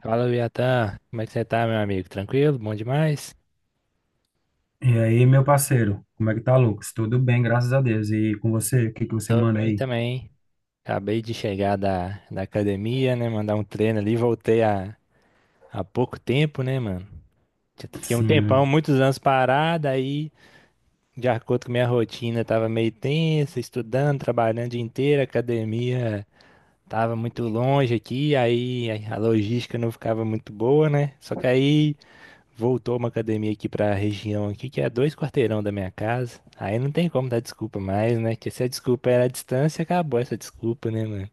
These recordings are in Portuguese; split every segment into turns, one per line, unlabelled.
Fala, Viatan. Como é que você tá, meu amigo? Tranquilo? Bom demais?
E aí, meu parceiro, como é que tá, Lucas? Tudo bem, graças a Deus. E com você, o que que você
Tô
manda
bem
aí?
também. Acabei de chegar da academia, né? Mandar um treino ali. Voltei há pouco tempo, né, mano? Já fiquei um tempão,
Sim.
muitos anos parado, aí, de acordo com minha rotina, tava meio tensa, estudando, trabalhando o dia inteiro, a academia tava muito longe aqui, aí a logística não ficava muito boa, né? Só que aí, voltou uma academia aqui pra região aqui, que é dois quarteirão da minha casa. Aí não tem como dar desculpa mais, né? Que se a desculpa era a distância, acabou essa desculpa, né, mano?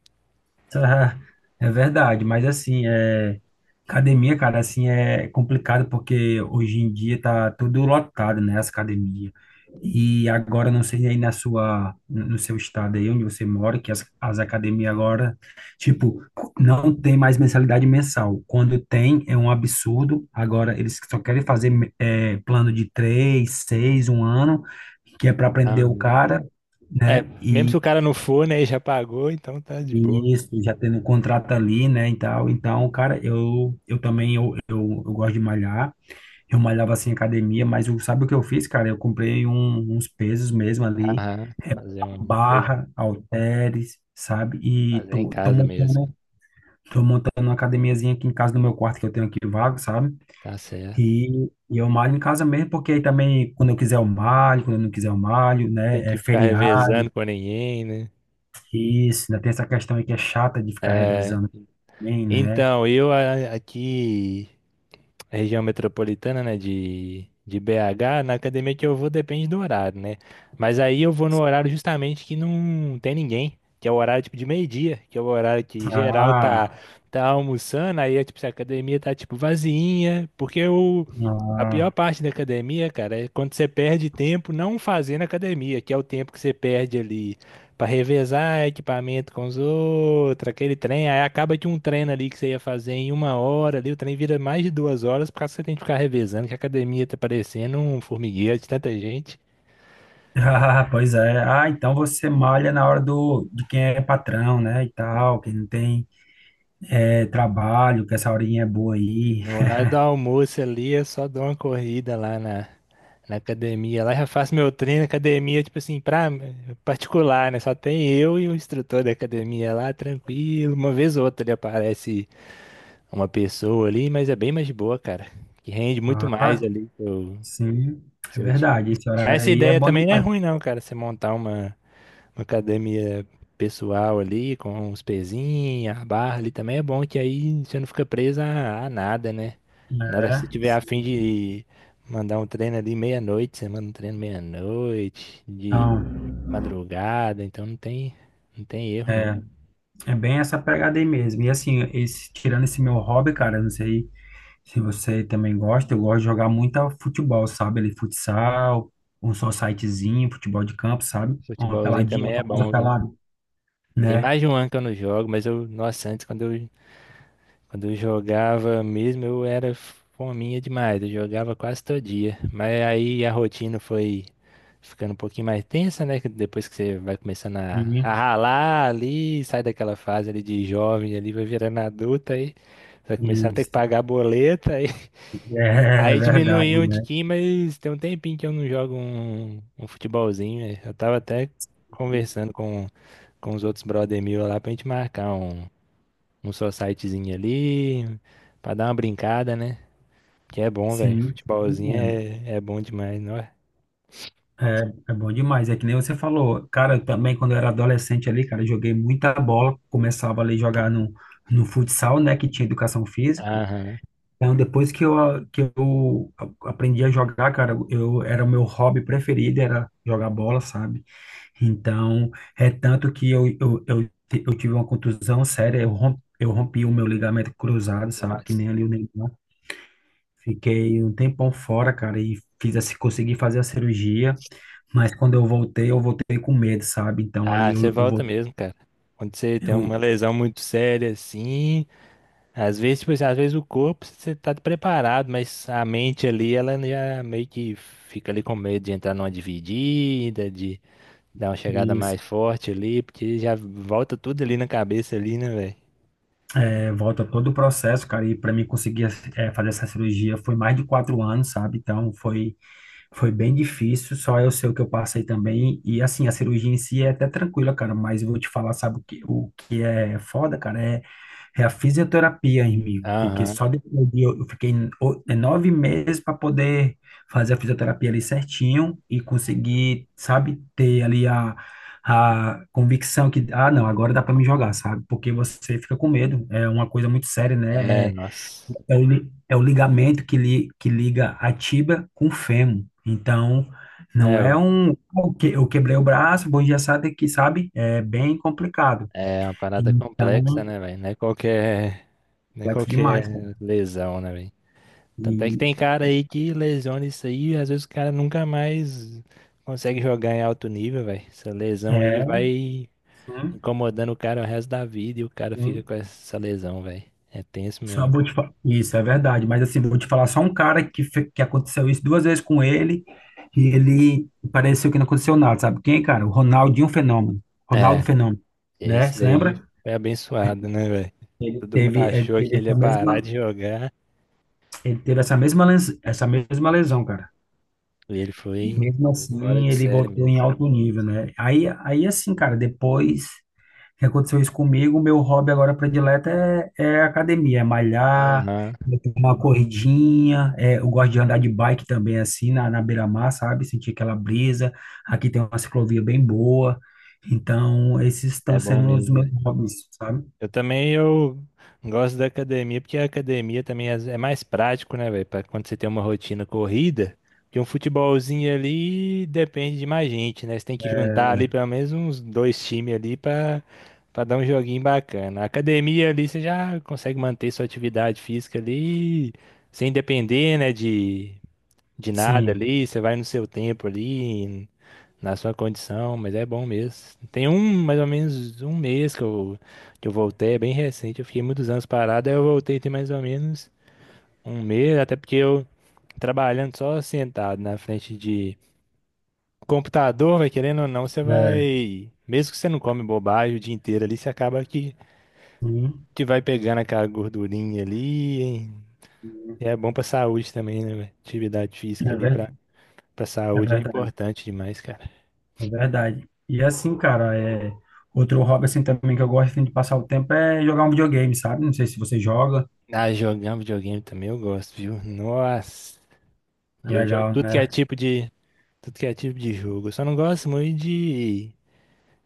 Ah, É verdade, mas assim, academia, cara, assim, é complicado porque hoje em dia tá tudo lotado, né, as academias. E agora, não sei aí na sua, no seu estado aí onde você mora, que as academias agora, tipo, não tem mais mensalidade mensal. Quando tem, é um absurdo. Agora, eles só querem fazer plano de três, seis, um ano, que é para prender o
Aham.
cara, né?
É, mesmo se o cara não for, né, e já pagou, então tá de boa.
Isso, já tendo um contrato ali, né, e tal. Então, cara, eu também, eu, eu gosto de malhar. Eu malhava, assim, em academia, mas eu, sabe o que eu fiz, cara? Eu comprei uns pesos mesmo ali,
Aham.
é,
Fazer um,
barra, halteres, sabe? E
fazer em
tô
casa mesmo.
tô montando uma academiazinha aqui em casa, no meu quarto, que eu tenho aqui vago, sabe?
Tá certo.
E, eu malho em casa mesmo, porque aí também, quando eu quiser eu malho, quando eu não quiser eu malho,
Tem
né? É
que ficar
feriado,
revezando com ninguém, né?
isso, né? Tem essa questão aí que é chata de ficar
É,
revezando também, né?
então, aqui, região metropolitana, né, de BH, na academia que eu vou depende do horário, né? Mas aí eu vou no horário justamente que não tem ninguém, que é o horário tipo de meio-dia, que é o horário que geral
Ah,
tá almoçando, aí é tipo, se a academia tá tipo vazinha, porque o a
ah,
pior parte da academia, cara, é quando você perde tempo não fazendo academia, que é o tempo que você perde ali pra revezar equipamento com os outros, aquele trem. Aí acaba de um treino ali que você ia fazer em uma hora ali, o trem vira mais de duas horas, porque você tem que ficar revezando, que a academia tá parecendo um formigueiro de tanta gente.
Ah, pois é. Ah, então você malha na hora do, de quem é patrão, né, e tal, quem não tem trabalho, que essa horinha é boa aí.
No horário do almoço ali, eu só dou uma corrida lá na academia. Lá já faço meu treino, academia, tipo assim, pra particular, né? Só tem eu e o instrutor da academia lá, tranquilo. Uma vez ou outra ali aparece uma pessoa ali, mas é bem mais de boa, cara. Que rende muito mais
Ah,
ali
sim, é
seu dia.
verdade. Esse
Mas
horário
essa
aí é
ideia
bom
também não é
demais.
ruim, não, cara. Você montar uma academia pessoal ali, com os pezinhos, a barra ali também é bom, que aí você não fica preso a nada, né? Na hora que você
É,
tiver a fim
sim.
de mandar um treino ali meia-noite, você manda um treino meia-noite, de
Então,
madrugada, então não tem erro, não.
é, é bem essa pegada aí mesmo. E assim, esse, tirando esse meu hobby, cara, eu não sei se você também gosta. Eu gosto de jogar muito futebol, sabe? Ali, futsal, um societyzinho, futebol de campo, sabe? Uma
Futebolzinho
peladinha,
também
a
é
famosa
bom, viu?
pelada,
Tem
né?
mais de um ano que eu não jogo, mas eu, nossa, antes quando eu jogava mesmo, eu era fominha demais, eu jogava quase todo dia. Mas aí a rotina foi ficando um pouquinho mais tensa, né? que Depois que você vai começando
E- e-
a ralar ali, sai daquela fase ali de jovem ali, vai virando adulta aí. Você Vai começando a ter que pagar a boleta aí.
É, é
Aí
verdade,
diminuiu um
né?
tiquinho, mas tem um tempinho que eu não jogo um futebolzinho, né? Eu tava até conversando com os outros brother meu lá pra gente marcar um societyzinho ali, pra dar uma brincada, né? Que é bom, velho.
Sim,
Futebolzinho
sim,
é, é bom demais, não é?
é, é bom demais. É que nem você falou, cara, eu também quando eu era adolescente ali, cara, eu joguei muita bola, começava ali a jogar no futsal, né, que tinha educação física.
Aham.
Então, depois que que eu aprendi a jogar, cara, eu era o meu hobby preferido, era jogar bola, sabe? Então, é tanto que eu tive uma contusão séria, eu rompi o meu ligamento cruzado, sabe? Que
Nossa.
nem ali o Neymar. Fiquei um tempão fora, cara, e consegui fazer a cirurgia, mas quando eu voltei com medo, sabe? Então, ali
Ah, você volta mesmo, cara. Quando você tem uma
eu,
lesão muito séria, assim, às vezes, tipo assim, às vezes o corpo você tá preparado, mas a mente ali, ela já meio que fica ali com medo de entrar numa dividida, de dar uma chegada
isso.
mais forte ali, porque já volta tudo ali na cabeça ali, né, velho?
É, volta todo o processo, cara, e para mim conseguir fazer essa cirurgia foi mais de 4 anos, sabe? Então foi, foi bem difícil, só eu sei o que eu passei também. E assim, a cirurgia em si é até tranquila, cara, mas eu vou te falar, sabe o que é foda, cara? É a fisioterapia, amigo, porque
Aham.
só depois eu fiquei 9 meses para poder fazer a fisioterapia ali certinho e conseguir, sabe, ter ali a convicção que, ah, não, agora dá para me jogar, sabe? Porque você fica com medo, é uma coisa muito séria,
É,
né?
nossa.
É o ligamento que liga a tibia com o fêmur. Então, não
É,
é um, "Oh, eu quebrei o braço, bom dia, sabe? É bem complicado.
É uma parada complexa,
Então,
né, velho? Não é não é
complexo
qualquer
demais, cara.
lesão, né, velho?
E
Tanto é que tem cara aí que lesiona isso aí, às vezes o cara nunca mais consegue jogar em alto nível, velho. Essa lesão aí
é,
vai
sim,
incomodando o cara o resto da vida e o cara fica com
sim.
essa lesão, velho. É tenso
Só
mesmo.
vou te fa- Isso é verdade, mas assim, vou te falar só um cara que, que aconteceu isso duas vezes com ele e ele pareceu que não aconteceu nada, sabe quem, cara? O Ronaldo
É,
Fenômeno, né?
esse
Se
daí
lembra?
foi abençoado, né, velho? Todo mundo
Teve, ele
achou que
teve
ele ia
essa
parar de
mesma,
jogar
ele teve essa mesma, essa mesma lesão, cara.
e ele
E
foi
mesmo
fora
assim,
de
ele
série
voltou em
mesmo.
alto nível, né? Aí assim, cara, depois que aconteceu isso comigo, meu hobby agora predileto é, é academia, é malhar,
Aham,
é ter uma corridinha. É, eu gosto de andar de bike também, assim, na beira-mar, sabe? Sentir aquela brisa, aqui tem uma ciclovia bem boa, então esses
é
estão
bom
sendo os
mesmo,
meus
velho.
hobbies, sabe?
Eu também eu gosto da academia, porque a academia também é mais prático, né, velho? Para quando você tem uma rotina corrida, que um futebolzinho ali depende de mais gente, né? Você tem que juntar ali
É,
pelo menos uns dois times ali para dar um joguinho bacana. A academia ali você já consegue manter sua atividade física ali sem depender, né, de nada
sim,
ali, você vai no seu tempo ali, na sua condição, mas é bom mesmo. Tem um, mais ou menos um mês que eu voltei, é bem recente, eu fiquei muitos anos parado, aí eu voltei tem mais ou menos um mês, até porque eu trabalhando só sentado na frente de computador, vai querendo ou não, você
é,
vai, mesmo que você não come bobagem o dia inteiro ali, você acaba
sim,
que vai pegando aquela gordurinha ali, hein? E é bom pra saúde também, né, velho? Atividade física
é,
ali
ver-
pra
é
saúde é
verdade,
importante demais, cara.
é verdade. E assim, cara, outro hobby assim também que eu gosto assim, de passar o tempo é jogar um videogame, sabe? Não sei se você joga,
Ah, jogar videogame também eu gosto, viu? Nossa.
é
E eu jogo
legal, né?
tudo que é tipo de jogo. Eu só não gosto muito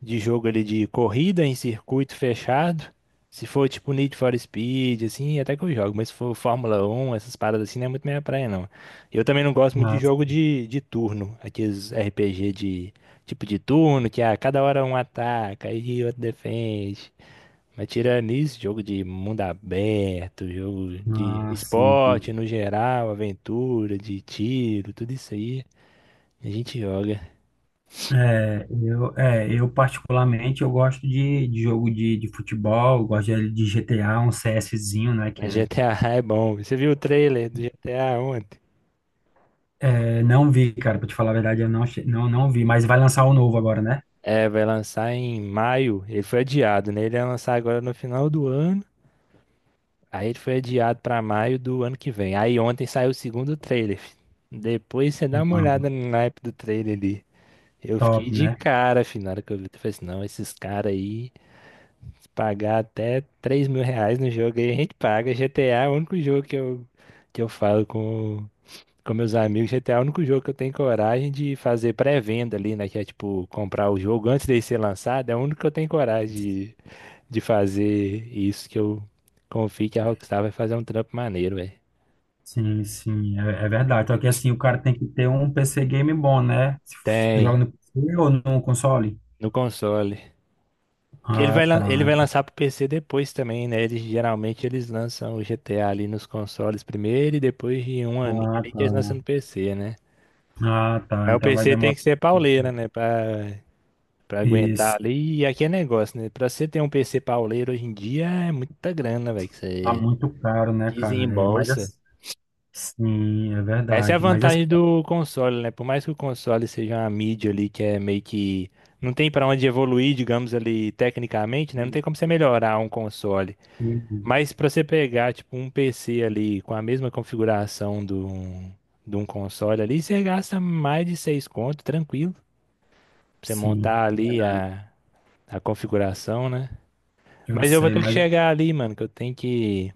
de jogo ali de corrida em circuito fechado. Se for tipo Need for Speed, assim, até que eu jogo. Mas se for Fórmula 1, essas paradas assim, não é muito minha praia, não. Eu também não gosto muito de
Ah,
jogo de turno. Aqueles RPG de tipo de turno, que a cada hora um ataca e outro defende. Mas tirando isso, jogo de mundo aberto, jogo de
ah, sim.
esporte no geral, aventura, de tiro, tudo isso aí, a gente joga.
É, eu particularmente eu gosto de jogo de futebol, eu gosto de GTA, um CSzinho, né?
A
Que é,
GTA é bom. Você viu o trailer do GTA ontem?
é, não vi, cara, pra te falar a verdade, eu não, não vi, mas vai lançar o novo agora, né?
É, vai lançar em maio. Ele foi adiado, né? Ele ia lançar agora no final do ano. Aí ele foi adiado pra maio do ano que vem. Aí ontem saiu o segundo trailer, fi. Depois você dá uma olhada
Hum,
no naipe do trailer ali. Eu
top,
fiquei de
né?
cara, fi, na hora que eu vi. Eu falei assim, não, esses caras aí, se pagar até 3 mil reais no jogo aí, a gente paga. GTA é o único jogo que eu falo com meus amigos. GTA é o único jogo que eu tenho coragem de fazer pré-venda ali, né? Que é tipo comprar o jogo antes dele ser lançado. É o único que eu tenho coragem de fazer isso. Que eu confio que a Rockstar vai fazer um trampo maneiro, velho.
Sim, sim, é, é verdade. Só que assim, o cara tem que ter um PC game bom, né? Se f- tu joga
Tem,
no PC ou no console?
no console. Que Ele
Ah,
vai, lan- Ele
tá.
vai lançar pro PC depois também, né? Eles, geralmente eles lançam o GTA ali nos consoles primeiro e depois de um aninho
Ah,
ali que
tá.
eles lançam no PC, né?
Ah, tá.
Mas o
Então vai
PC tem
demorar.
que ser pauleira, né? Pra aguentar
Isso.
ali. E aqui é negócio, né? Pra você ter um PC pauleiro hoje em dia é muita grana, velho, que
Tá
você
muito caro, né, cara? É, mas
desembolsa.
assim, sim, é
Essa é a
verdade. Mas assim,
vantagem do console, né? Por mais que o console seja uma mídia ali que é meio que, não tem pra onde evoluir, digamos ali, tecnicamente, né? Não tem como você melhorar um console. Mas pra você pegar, tipo, um PC ali com a mesma configuração do, de um console ali, você gasta mais de seis conto, tranquilo. Pra você
sim,
montar ali a configuração, né?
eu
Mas eu vou
sei,
ter que
mas.
chegar ali, mano, que eu tenho que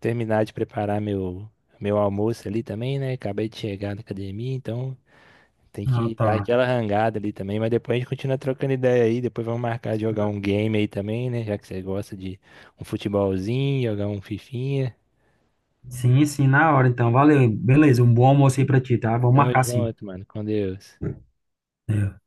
terminar de preparar meu almoço ali também, né? Acabei de chegar na academia, então tem
Ah,
que dar
tá.
aquela rangada ali também. Mas depois a gente continua trocando ideia aí. Depois vamos marcar de jogar um game aí também, né? Já que você gosta de um futebolzinho, jogar um fifinha.
Sim, sim, na hora, então. Valeu. Beleza, um bom almoço aí pra ti, tá? Vamos
Tamo
marcar sim.
junto, mano. Com Deus.
É,